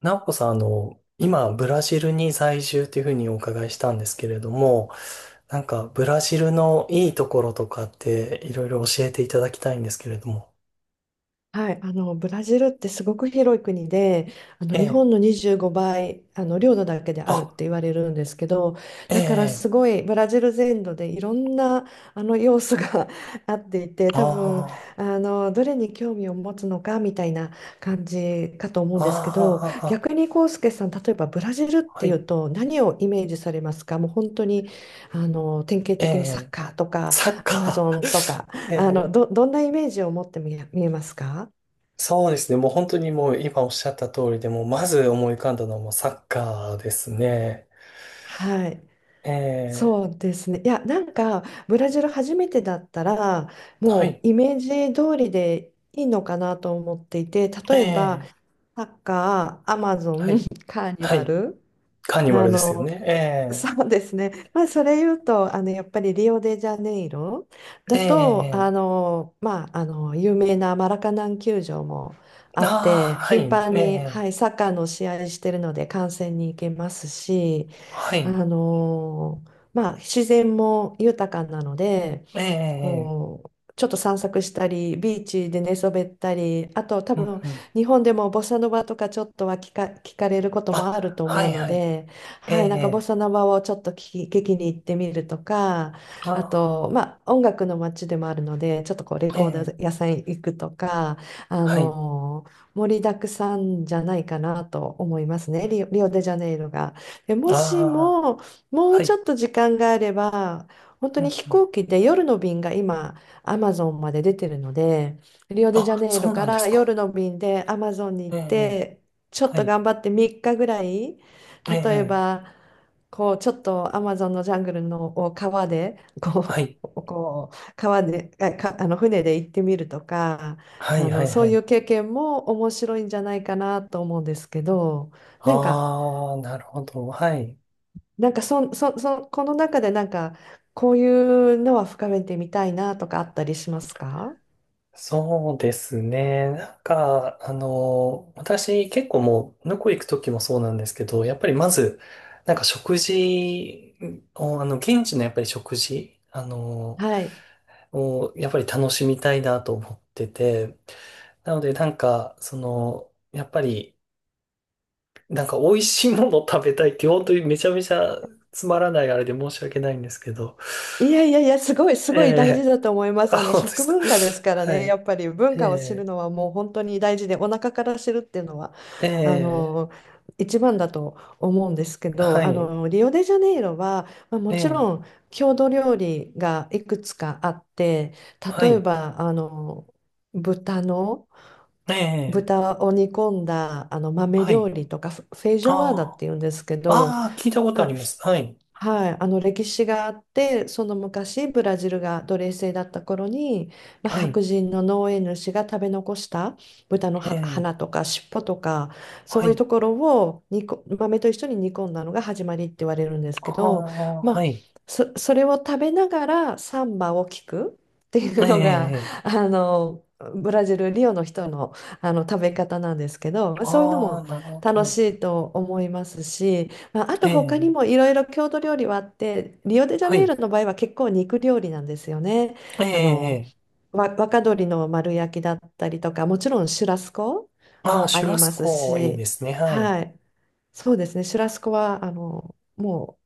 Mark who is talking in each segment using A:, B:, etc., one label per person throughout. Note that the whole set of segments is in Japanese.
A: なおこさん、今、ブラジルに在住というふうにお伺いしたんですけれども、ブラジルのいいところとかって、いろいろ教えていただきたいんですけれども。
B: はい、ブラジルってすごく広い国で
A: え
B: 日
A: え、
B: 本の25倍領土だけであ
A: あ、
B: るって言われるんですけど、
A: え
B: だからす
A: え、
B: ごいブラジル全土でいろんな要素が あっていて、多分
A: あ
B: どれに興味を持つのかみたいな感じかと思うん
A: あ、
B: ですけど、
A: あ
B: 逆にコウスケさん、例えばブラジルっ
A: あ、
B: て
A: は
B: いう
A: い、
B: と何をイメージされますか？もう本当に典型
A: え
B: 的にサッ
A: え、
B: カーとか
A: サッカ
B: アマゾンと
A: ー。
B: か
A: ええ、
B: どんなイメージを持って見えますか？
A: そうですね。もう本当にもう今おっしゃった通りで、もうまず思い浮かんだのはもうサッカーですね。
B: はい。
A: ええ、
B: そうですね。ブラジル初めてだったら、
A: は
B: も
A: い、
B: うイメージ通りでいいのかなと思っていて、
A: え
B: 例えば、
A: え、
B: サッカー、アマゾ
A: は
B: ン、
A: い、
B: カーニ
A: は
B: バ
A: い。
B: ル、
A: カーニバ
B: あ
A: ルですよ
B: の、そ
A: ね。
B: うですね。まあ、それ言うと、やっぱりリオデジャネイロ
A: え
B: だ
A: え、え
B: と、
A: え、え
B: 有名なマラカナン球場もあ
A: え、あ
B: っ
A: あ、
B: て、
A: は
B: 頻
A: い、
B: 繁
A: え
B: に、は
A: え、
B: い、サッカーの試合してるので観戦に行けますし、
A: はい、
B: まあ、自然も豊かなので、
A: ええ、ええ、
B: こう、ちょっと散策したり、ビーチで寝そべったり、あと多
A: うん、
B: 分
A: うん。
B: 日本でもボサノバとかちょっとは聞かれることもある
A: あ、
B: と
A: は
B: 思う
A: い、
B: の
A: はい、
B: で、
A: え
B: はい、なんかボ
A: え、
B: サノバをちょっと聞きに行ってみるとか、あ
A: あ
B: と、まあ、音楽の街でもあるので、ちょっとこうレコー
A: あ、え
B: ド
A: え、
B: 屋さん行くとか、
A: はい、
B: 盛りだくさんじゃないかなと思いますね、リオデジャネイロが。で、もし
A: ああ、
B: も、もう
A: は
B: ち
A: い、
B: ょっと時間があれば、本当
A: う
B: に
A: ん、
B: 飛
A: うん。
B: 行機で夜の便が今、アマゾンまで出てるので、リオデジャ
A: あ、
B: ネイ
A: そ
B: ロ
A: うな
B: か
A: んで
B: ら
A: すか。
B: 夜の便でアマゾンに行
A: え
B: っ
A: え、
B: て、ちょっ
A: は
B: と
A: い、
B: 頑張って3日ぐらい、例え
A: ええ、
B: ば、こう、ちょっとアマゾンのジャングルのを川で、
A: は
B: こ
A: い、
B: う、こう川で、あ、か、あの船で行ってみるとか、
A: はい、はい、
B: そ
A: は
B: うい
A: い。
B: う経験も面白いんじゃないかなと思うんですけど、なんか、
A: ああ、なるほど、はい。
B: そこの中でなんか、こういうのは深めてみたいなとかあったりしますか？
A: そうですね。私結構もう、向こう行く時もそうなんですけど、やっぱりまず、なんか食事を、現地のやっぱり食事、
B: はい。
A: をやっぱり楽しみたいなと思ってて、なのでなんか、その、やっぱり、なんか美味しいものを食べたいって、本当にめちゃめちゃつまらないあれで申し訳ないんですけど、
B: いやいやいや、す
A: え
B: ごい大事
A: え、
B: だと思います。
A: あ、
B: あの、
A: 本当で
B: 食
A: すか。
B: 文 化ですから
A: は
B: ね、や
A: い。
B: っぱり文
A: え
B: 化を知る
A: え、
B: のはもう本当に大事で、お腹から知るっていうのは、あ
A: ええ、
B: の、一番だと思うんですけ
A: は
B: ど、あ
A: い。
B: の、リオデジャネイロは、まあ、も
A: え
B: ち
A: え、
B: ろん郷土料理がいくつかあって、
A: は
B: 例え
A: い。
B: ば、豚の、
A: ええ、
B: 豚を煮込んだあの豆
A: は
B: 料
A: い。
B: 理とかフェイジ
A: あ
B: ョアーダっていうんですけど、
A: あ、ああ、聞いたこと
B: ま
A: あり
B: あ、
A: ます。はい。
B: はい、あの歴史があって、その昔ブラジルが奴隷制だった頃に、まあ、
A: はい。
B: 白人の農園主が食べ残した豚の
A: え
B: は
A: え、
B: 鼻とか尻尾とかそ
A: は
B: ういう
A: い。
B: ところを豆と一緒に煮込んだのが始まりって言われるんです
A: あ
B: けど、
A: あ、
B: ま
A: は
B: あ、
A: い。
B: それを食べながらサンバを聞くってい
A: え
B: うのが
A: え、
B: あのブラジルリオの人の、あの食べ方なんですけど、まあそういうの
A: あ
B: も
A: あ、なるほ
B: 楽し
A: ど。
B: いと思いますし。まあ、あ
A: え
B: と他
A: え、
B: にもいろいろ郷土料理はあって、リオデジャ
A: は
B: ネイロ
A: い。
B: の場合は結構肉料理なんですよね。
A: え
B: あの、
A: え、
B: 若鶏の丸焼きだったりとか、もちろんシュラスコ
A: ああ、
B: もあ
A: シュ
B: り
A: ラス
B: ます
A: コいいで
B: し、
A: すね。はい。
B: はい。そうですね、シュラスコは、あの、も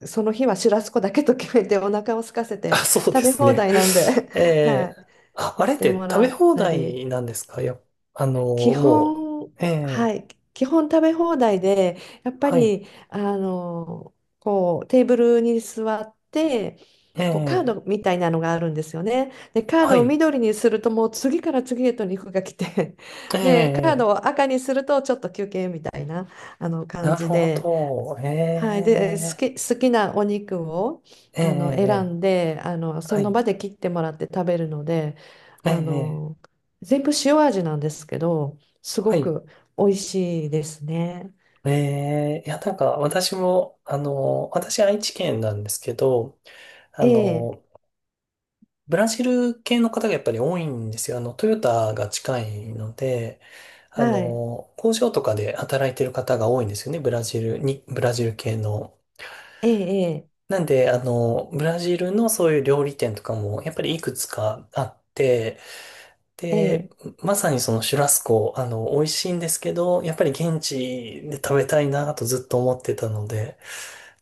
B: うその日はシュラスコだけと決めてお腹を空かせて
A: あ、そうで
B: 食べ
A: す
B: 放
A: ね。
B: 題なんで、
A: え
B: は
A: え、
B: い。
A: あ、あ
B: 行っ
A: れっ
B: て
A: て
B: も
A: 食
B: ら
A: べ
B: っ
A: 放
B: たり。
A: 題なんですか？や
B: 基
A: も
B: 本、
A: う。え
B: は
A: え、
B: い、基本食べ放題で、やっぱ
A: はい。
B: り、あの、こう、テーブルに座って、
A: え
B: こう、カー
A: え、
B: ドみたいなのがあるんですよね。で、カー
A: は
B: ドを
A: い。
B: 緑にすると、もう次から次へと肉が来て、
A: え
B: で、カード
A: え、
B: を赤にすると、ちょっと休憩みたいな、あの、感
A: なる
B: じ
A: ほ
B: で、
A: ど。え
B: はい、で、
A: え、
B: 好きなお肉を
A: え
B: あの選
A: え、
B: んで、あの、そ
A: は
B: の
A: い。
B: 場で切ってもらって食べるので、
A: え
B: あ
A: え、
B: の全部塩味なんですけど、すご
A: はい。
B: く美味しいですね。
A: ええ、いや、私も、私、愛知県なんですけど、あ
B: ええ、
A: の、ブラジル系の方がやっぱり多いんですよ。トヨタが近いので、
B: はい、
A: 工場とかで働いてる方が多いんですよね、ブラジルに、ブラジル系の。
B: ええ、
A: なんで、ブラジルのそういう料理店とかも、やっぱりいくつかあって、
B: え
A: で、
B: え、
A: まさにそのシュラスコ、美味しいんですけど、やっぱり現地で食べたいなとずっと思ってたので、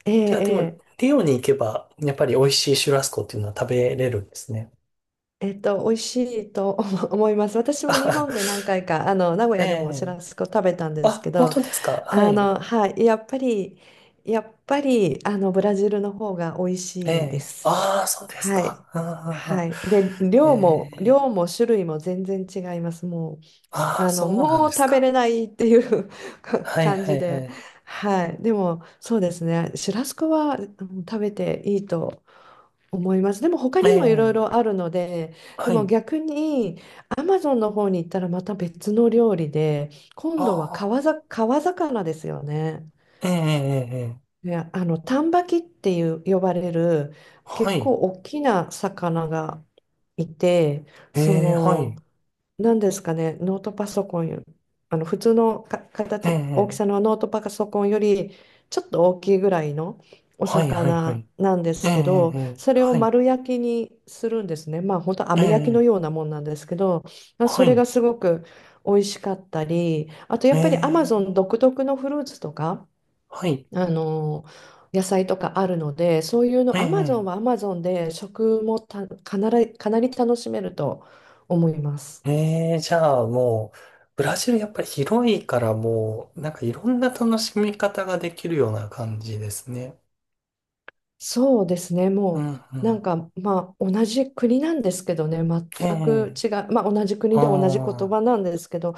B: ええ、
A: じゃあ
B: え
A: でも、
B: え、
A: リオに行けば、やっぱり美味しいシュラスコっていうのは食べれるんですね。
B: えっと、美味しいと 思います。私
A: あ、
B: も日本で何回か、あの名 古
A: え
B: 屋でもシュ
A: え、
B: ラスコ食べたんです
A: あ、
B: け
A: 本
B: ど、
A: 当ですか？は
B: あ
A: い。
B: の、はい、やっぱりあのブラジルの方が美味
A: え
B: しいで
A: え、
B: す。
A: ああ、そうです
B: はい。
A: か。あ
B: は
A: あ、
B: い。で、
A: ええ、
B: 量も種類も全然違います。もう、
A: ああ、
B: あの、
A: そうなん
B: も
A: で
B: う
A: す
B: 食べ
A: か。
B: れないっていう か
A: はい、
B: 感
A: は
B: じ
A: い、は
B: で。
A: い。
B: はい。でも、そうですね。シュラスコはうん食べていいと思います。でも、他
A: え
B: にもいろいろ
A: え、
B: あるので、で
A: は
B: も
A: い。
B: 逆に、アマゾンの方に行ったらまた別の料理で、
A: あ
B: 今度は
A: あ、
B: 川魚ですよね。
A: ええ、ええ、ええ、
B: ね、あの、丹波木っていう呼ばれる
A: は
B: 結構
A: い。
B: 大きな魚がいて、そ
A: ええ、は
B: の、
A: い。
B: 何ですかね、ノートパソコンよ、あの普通のか
A: え
B: 形、大きさ
A: え、
B: のノートパソコンよりちょっと大きいぐらいのお
A: はい、はい、は
B: 魚
A: い。
B: なんで
A: え
B: す
A: え、え
B: け
A: え、
B: ど、
A: ええ、
B: それを
A: はい、
B: 丸焼きにするんですね。まあ本当
A: え
B: 網焼きの
A: え、
B: ようなもんなんですけど、まあそ
A: は
B: れが
A: い、
B: すごく美味しかったり、あとや
A: え
B: っぱりアマゾ
A: え、
B: ン独特のフルーツとか、
A: はい、
B: あの野菜とかあるので、そういう
A: え
B: の、アマゾン
A: え、
B: はアマゾンで食もたかなり、かなり楽しめると思います。
A: ええ、じゃあもう、ブラジルやっぱり広いからもう、なんかいろんな楽しみ方ができるような感じですね。
B: そうですね、
A: うん、
B: も
A: う
B: うなん
A: ん、
B: かまあ同じ国なんですけどね、
A: え
B: 全く違う、まあ同じ
A: え、あ
B: 国で同じ言
A: あ、
B: 葉なんですけど、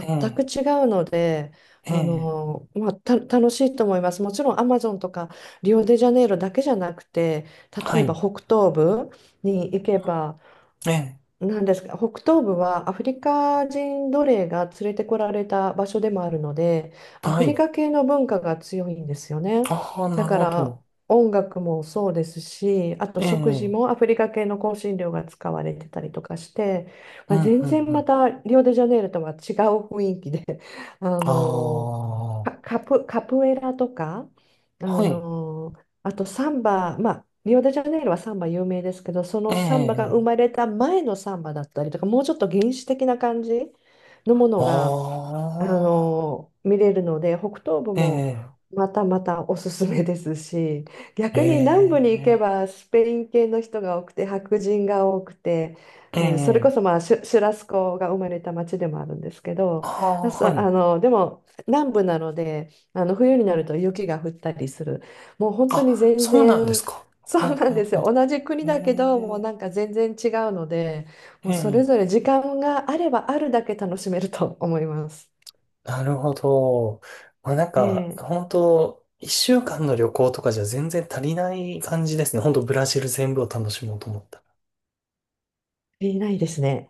A: え
B: 全く
A: え、
B: 違うので、あ
A: ええ、
B: のまあ、楽しいと思います。もちろんアマゾンとかリオデジャネイロだけじゃなくて、
A: は
B: 例えば
A: い、
B: 北東部に行けば、
A: ええ、
B: なんですが、北東部はアフリカ人奴隷が連れてこられた場所でもあるので、ア
A: は
B: フリ
A: い、
B: カ系の文化が強いんですよね。
A: ああ、
B: だ
A: なる
B: か
A: ほ
B: ら
A: ど、
B: 音楽もそうですし、あと
A: ええ、
B: 食
A: う
B: 事
A: ん、
B: もアフリカ系の香辛料が使われてたりとかして、
A: う
B: まあ、
A: ん、
B: 全
A: う
B: 然ま
A: ん、
B: たリオデジャネイロとは違う雰囲気で、あ
A: あ
B: の
A: あ、
B: カプエラとか、あ
A: はい、
B: のあとサンバ、まあ、リオデジャネイロはサンバ有名ですけど、そ
A: え
B: のサンバが生
A: え、
B: まれた前のサンバだったりとか、もうちょっと原始的な感じのものが、
A: あ
B: あ
A: あ、
B: の見れるので北東部
A: え
B: も
A: え、
B: またまたおすすめですし、
A: え
B: 逆に南部に行け
A: え、
B: ばスペイン系の人が多くて白人が多くて、
A: え
B: えーそれこ
A: え、
B: そ、まあ、シュラスコが生まれた町でもあるんですけ
A: あ
B: ど、
A: あ、は
B: あ
A: い。
B: のでも南部なのであの冬になると雪が降ったりする、もう本当に
A: あ、
B: 全
A: そうなんで
B: 然
A: すか。
B: そ
A: あ
B: うなんです
A: あ、
B: よ、
A: あ、
B: 同じ国
A: え
B: だけどもう
A: え、
B: なんか全然違うので、も
A: え
B: うそれ
A: え、
B: ぞれ時間があればあるだけ楽しめると思います。
A: なるほど。まあ、
B: ええ、足
A: 本当一週間の旅行とかじゃ全然足りない感じですね。本当ブラジル全部を楽しもうと思ったら。
B: りないですね。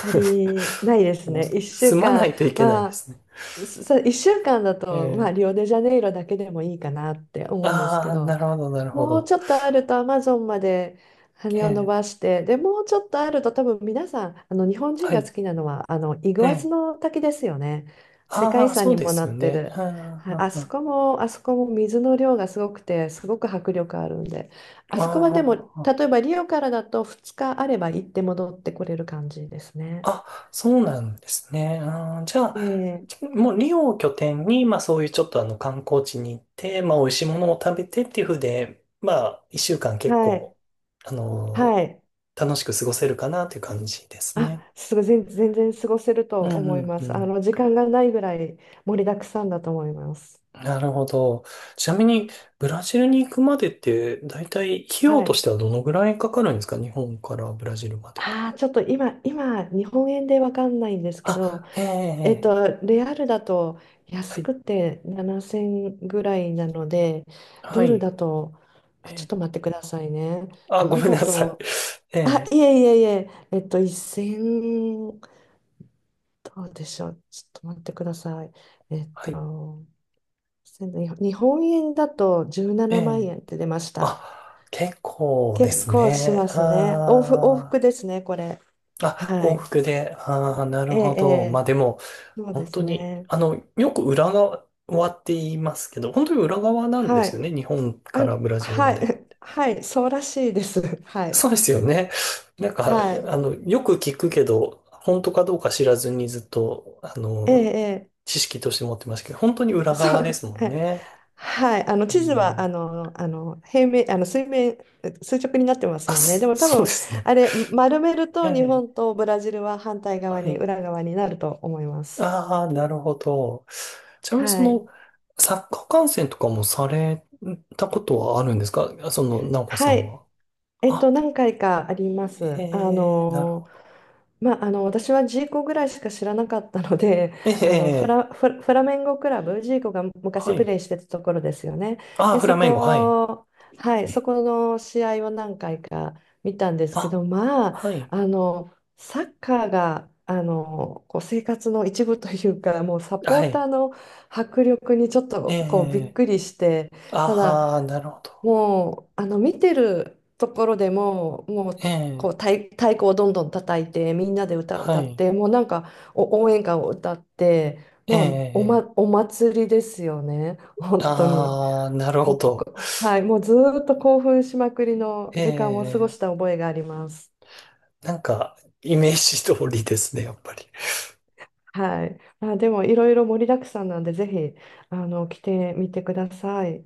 B: 足りないで す
A: もう、
B: ね。1週
A: 住まな
B: 間、
A: いといけない
B: ま
A: ですね。
B: 1週間だ
A: え
B: と、まあ、
A: え、
B: リオデジャネイロだけでもいいかなって思うんです
A: あ
B: け
A: あ、
B: ど、
A: なるほど、なるほ
B: もう
A: ど。
B: ちょっとあるとアマゾンまで羽
A: え
B: を伸
A: え、
B: ばして、で、もうちょっとあると多分皆さん、あの日本人
A: は
B: が好
A: い、
B: きなのはあのイ
A: え
B: グアス
A: え、
B: の滝ですよね。世界遺
A: ああ、
B: 産
A: そう
B: に
A: で
B: もな
A: すよ
B: って
A: ね。
B: る。
A: あ
B: はい、
A: あ、あ
B: あそこも水の量がすごくて、すごく迫力あるんで、あそこはでも、例
A: あ、あ、あ
B: えばリオからだと2日あれば行って戻ってこれる感じですね。
A: あ、そうなんですね。あー、じゃあ、
B: ええ
A: もうリオを拠点に、まあそういうちょっとあの観光地に行って、まあ美味しいものを食べてっていう風で、まあ一週間結
B: はい、
A: 構、あのー
B: はい。
A: 楽しく過ごせるかなという感じですね。
B: あ、すごい、全然過ごせる
A: う
B: と
A: ん、
B: 思
A: う
B: い
A: ん、
B: ま
A: う
B: す。あ
A: ん。
B: の、時間がないぐらい盛りだくさんだと思います。
A: なるほど。ちなみに、ブラジルに行くまでって、だいたい費用
B: は
A: とし
B: い。
A: てはどのぐらいかかるんですか？日本からブラジルまでで。
B: ああ、ちょっと今、日本円でわかんないんですけど、
A: あ、ええ、
B: えっ
A: ええ、
B: と、レアルだと安
A: はい、
B: くて7000ぐらいなので、ドル
A: は
B: だと、
A: い、
B: あ、
A: え
B: ちょっ
A: え、
B: と待ってくださいね。
A: あ、
B: ド
A: ご
B: ル
A: めん
B: だ
A: なさい。
B: と、
A: え
B: あ、
A: え、
B: いえいえいえ、えっと、1000、どうでしょう。ちょっと待ってください。
A: はい、
B: せん日本円だと17
A: え
B: 万
A: え。
B: 円って出ました。
A: あ、結構で
B: 結
A: す
B: 構し
A: ね。
B: ますね。往復
A: あ
B: ですね、これ。
A: ー、あ、
B: は
A: 往
B: い。
A: 復で、ああ、な
B: え
A: る
B: え、
A: ほ
B: え
A: ど。まあ
B: え
A: でも、
B: そうで
A: 本当
B: す
A: に、
B: ね。
A: よく裏側って言いますけど、本当に裏側なんで
B: は
A: すよ
B: い。
A: ね。日本
B: あ、
A: からブラジル
B: は
A: まで。
B: い。はい。そうらしいです。は
A: そ
B: い。
A: うですよね。
B: はい。
A: よく聞くけど、本当かどうか知らずにずっと、
B: ええ、え
A: 知識として持ってましたけど、本当に
B: え
A: 裏
B: そ
A: 側で
B: う。
A: すも
B: え
A: ん
B: え
A: ね。
B: はい。あの、
A: う
B: 地図は、
A: ん、
B: 平面、あの、水面、垂直になってます
A: あ、
B: もんね。で
A: そ
B: も多
A: そう
B: 分、
A: ですね。
B: あれ、丸める
A: え
B: と日本
A: え。
B: とブラジルは反対側
A: は
B: に、
A: い。
B: 裏側になると思います。
A: ああ、なるほど。ちなみにそ
B: はい。
A: の、サッカー観戦とかもされたことはあるんですか？その、直子さ
B: は
A: ん
B: い。
A: は。
B: えっと、
A: あ、
B: 何回かありま
A: へ
B: す。あ
A: え、なる
B: の、
A: ほど。
B: まあ、あの私はジーコぐらいしか知らなかったので、
A: え
B: あの
A: え、
B: フラメンゴクラブ、ジーコが
A: は
B: 昔プ
A: い。
B: レーしてたところですよね。
A: ああ、
B: で
A: フラ
B: そ
A: メンゴ、はい。
B: こ、はい、そこの試合を何回か見たんですけ
A: あ、
B: ど、まあ
A: はい。
B: あのサッカーがあのこう生活の一部というか、もうサポー
A: は
B: ター
A: い。
B: の迫力にちょっ
A: え
B: とこうびっ
A: え、
B: くりして、ただ
A: ああ、なるほど。
B: もうあの見てるところでも、もう
A: え
B: こう
A: え、
B: 太鼓をどんどん叩いてみんなで歌を
A: は
B: 歌っ
A: い。
B: て、もうなんかお応援歌を歌って、
A: え
B: もうお、ま、
A: え、
B: お祭りですよね、本当に。
A: ああ、なる
B: も
A: ほ
B: うこ
A: ど。
B: こ、はい、もうずーっと興奮しまくりの
A: え
B: 時間を過ご
A: え、
B: した覚えがあります。
A: なんか、イメージ通りですね、やっぱり。
B: はい、まあ、でもいろいろ盛りだくさんなんで、ぜひあの来てみてください。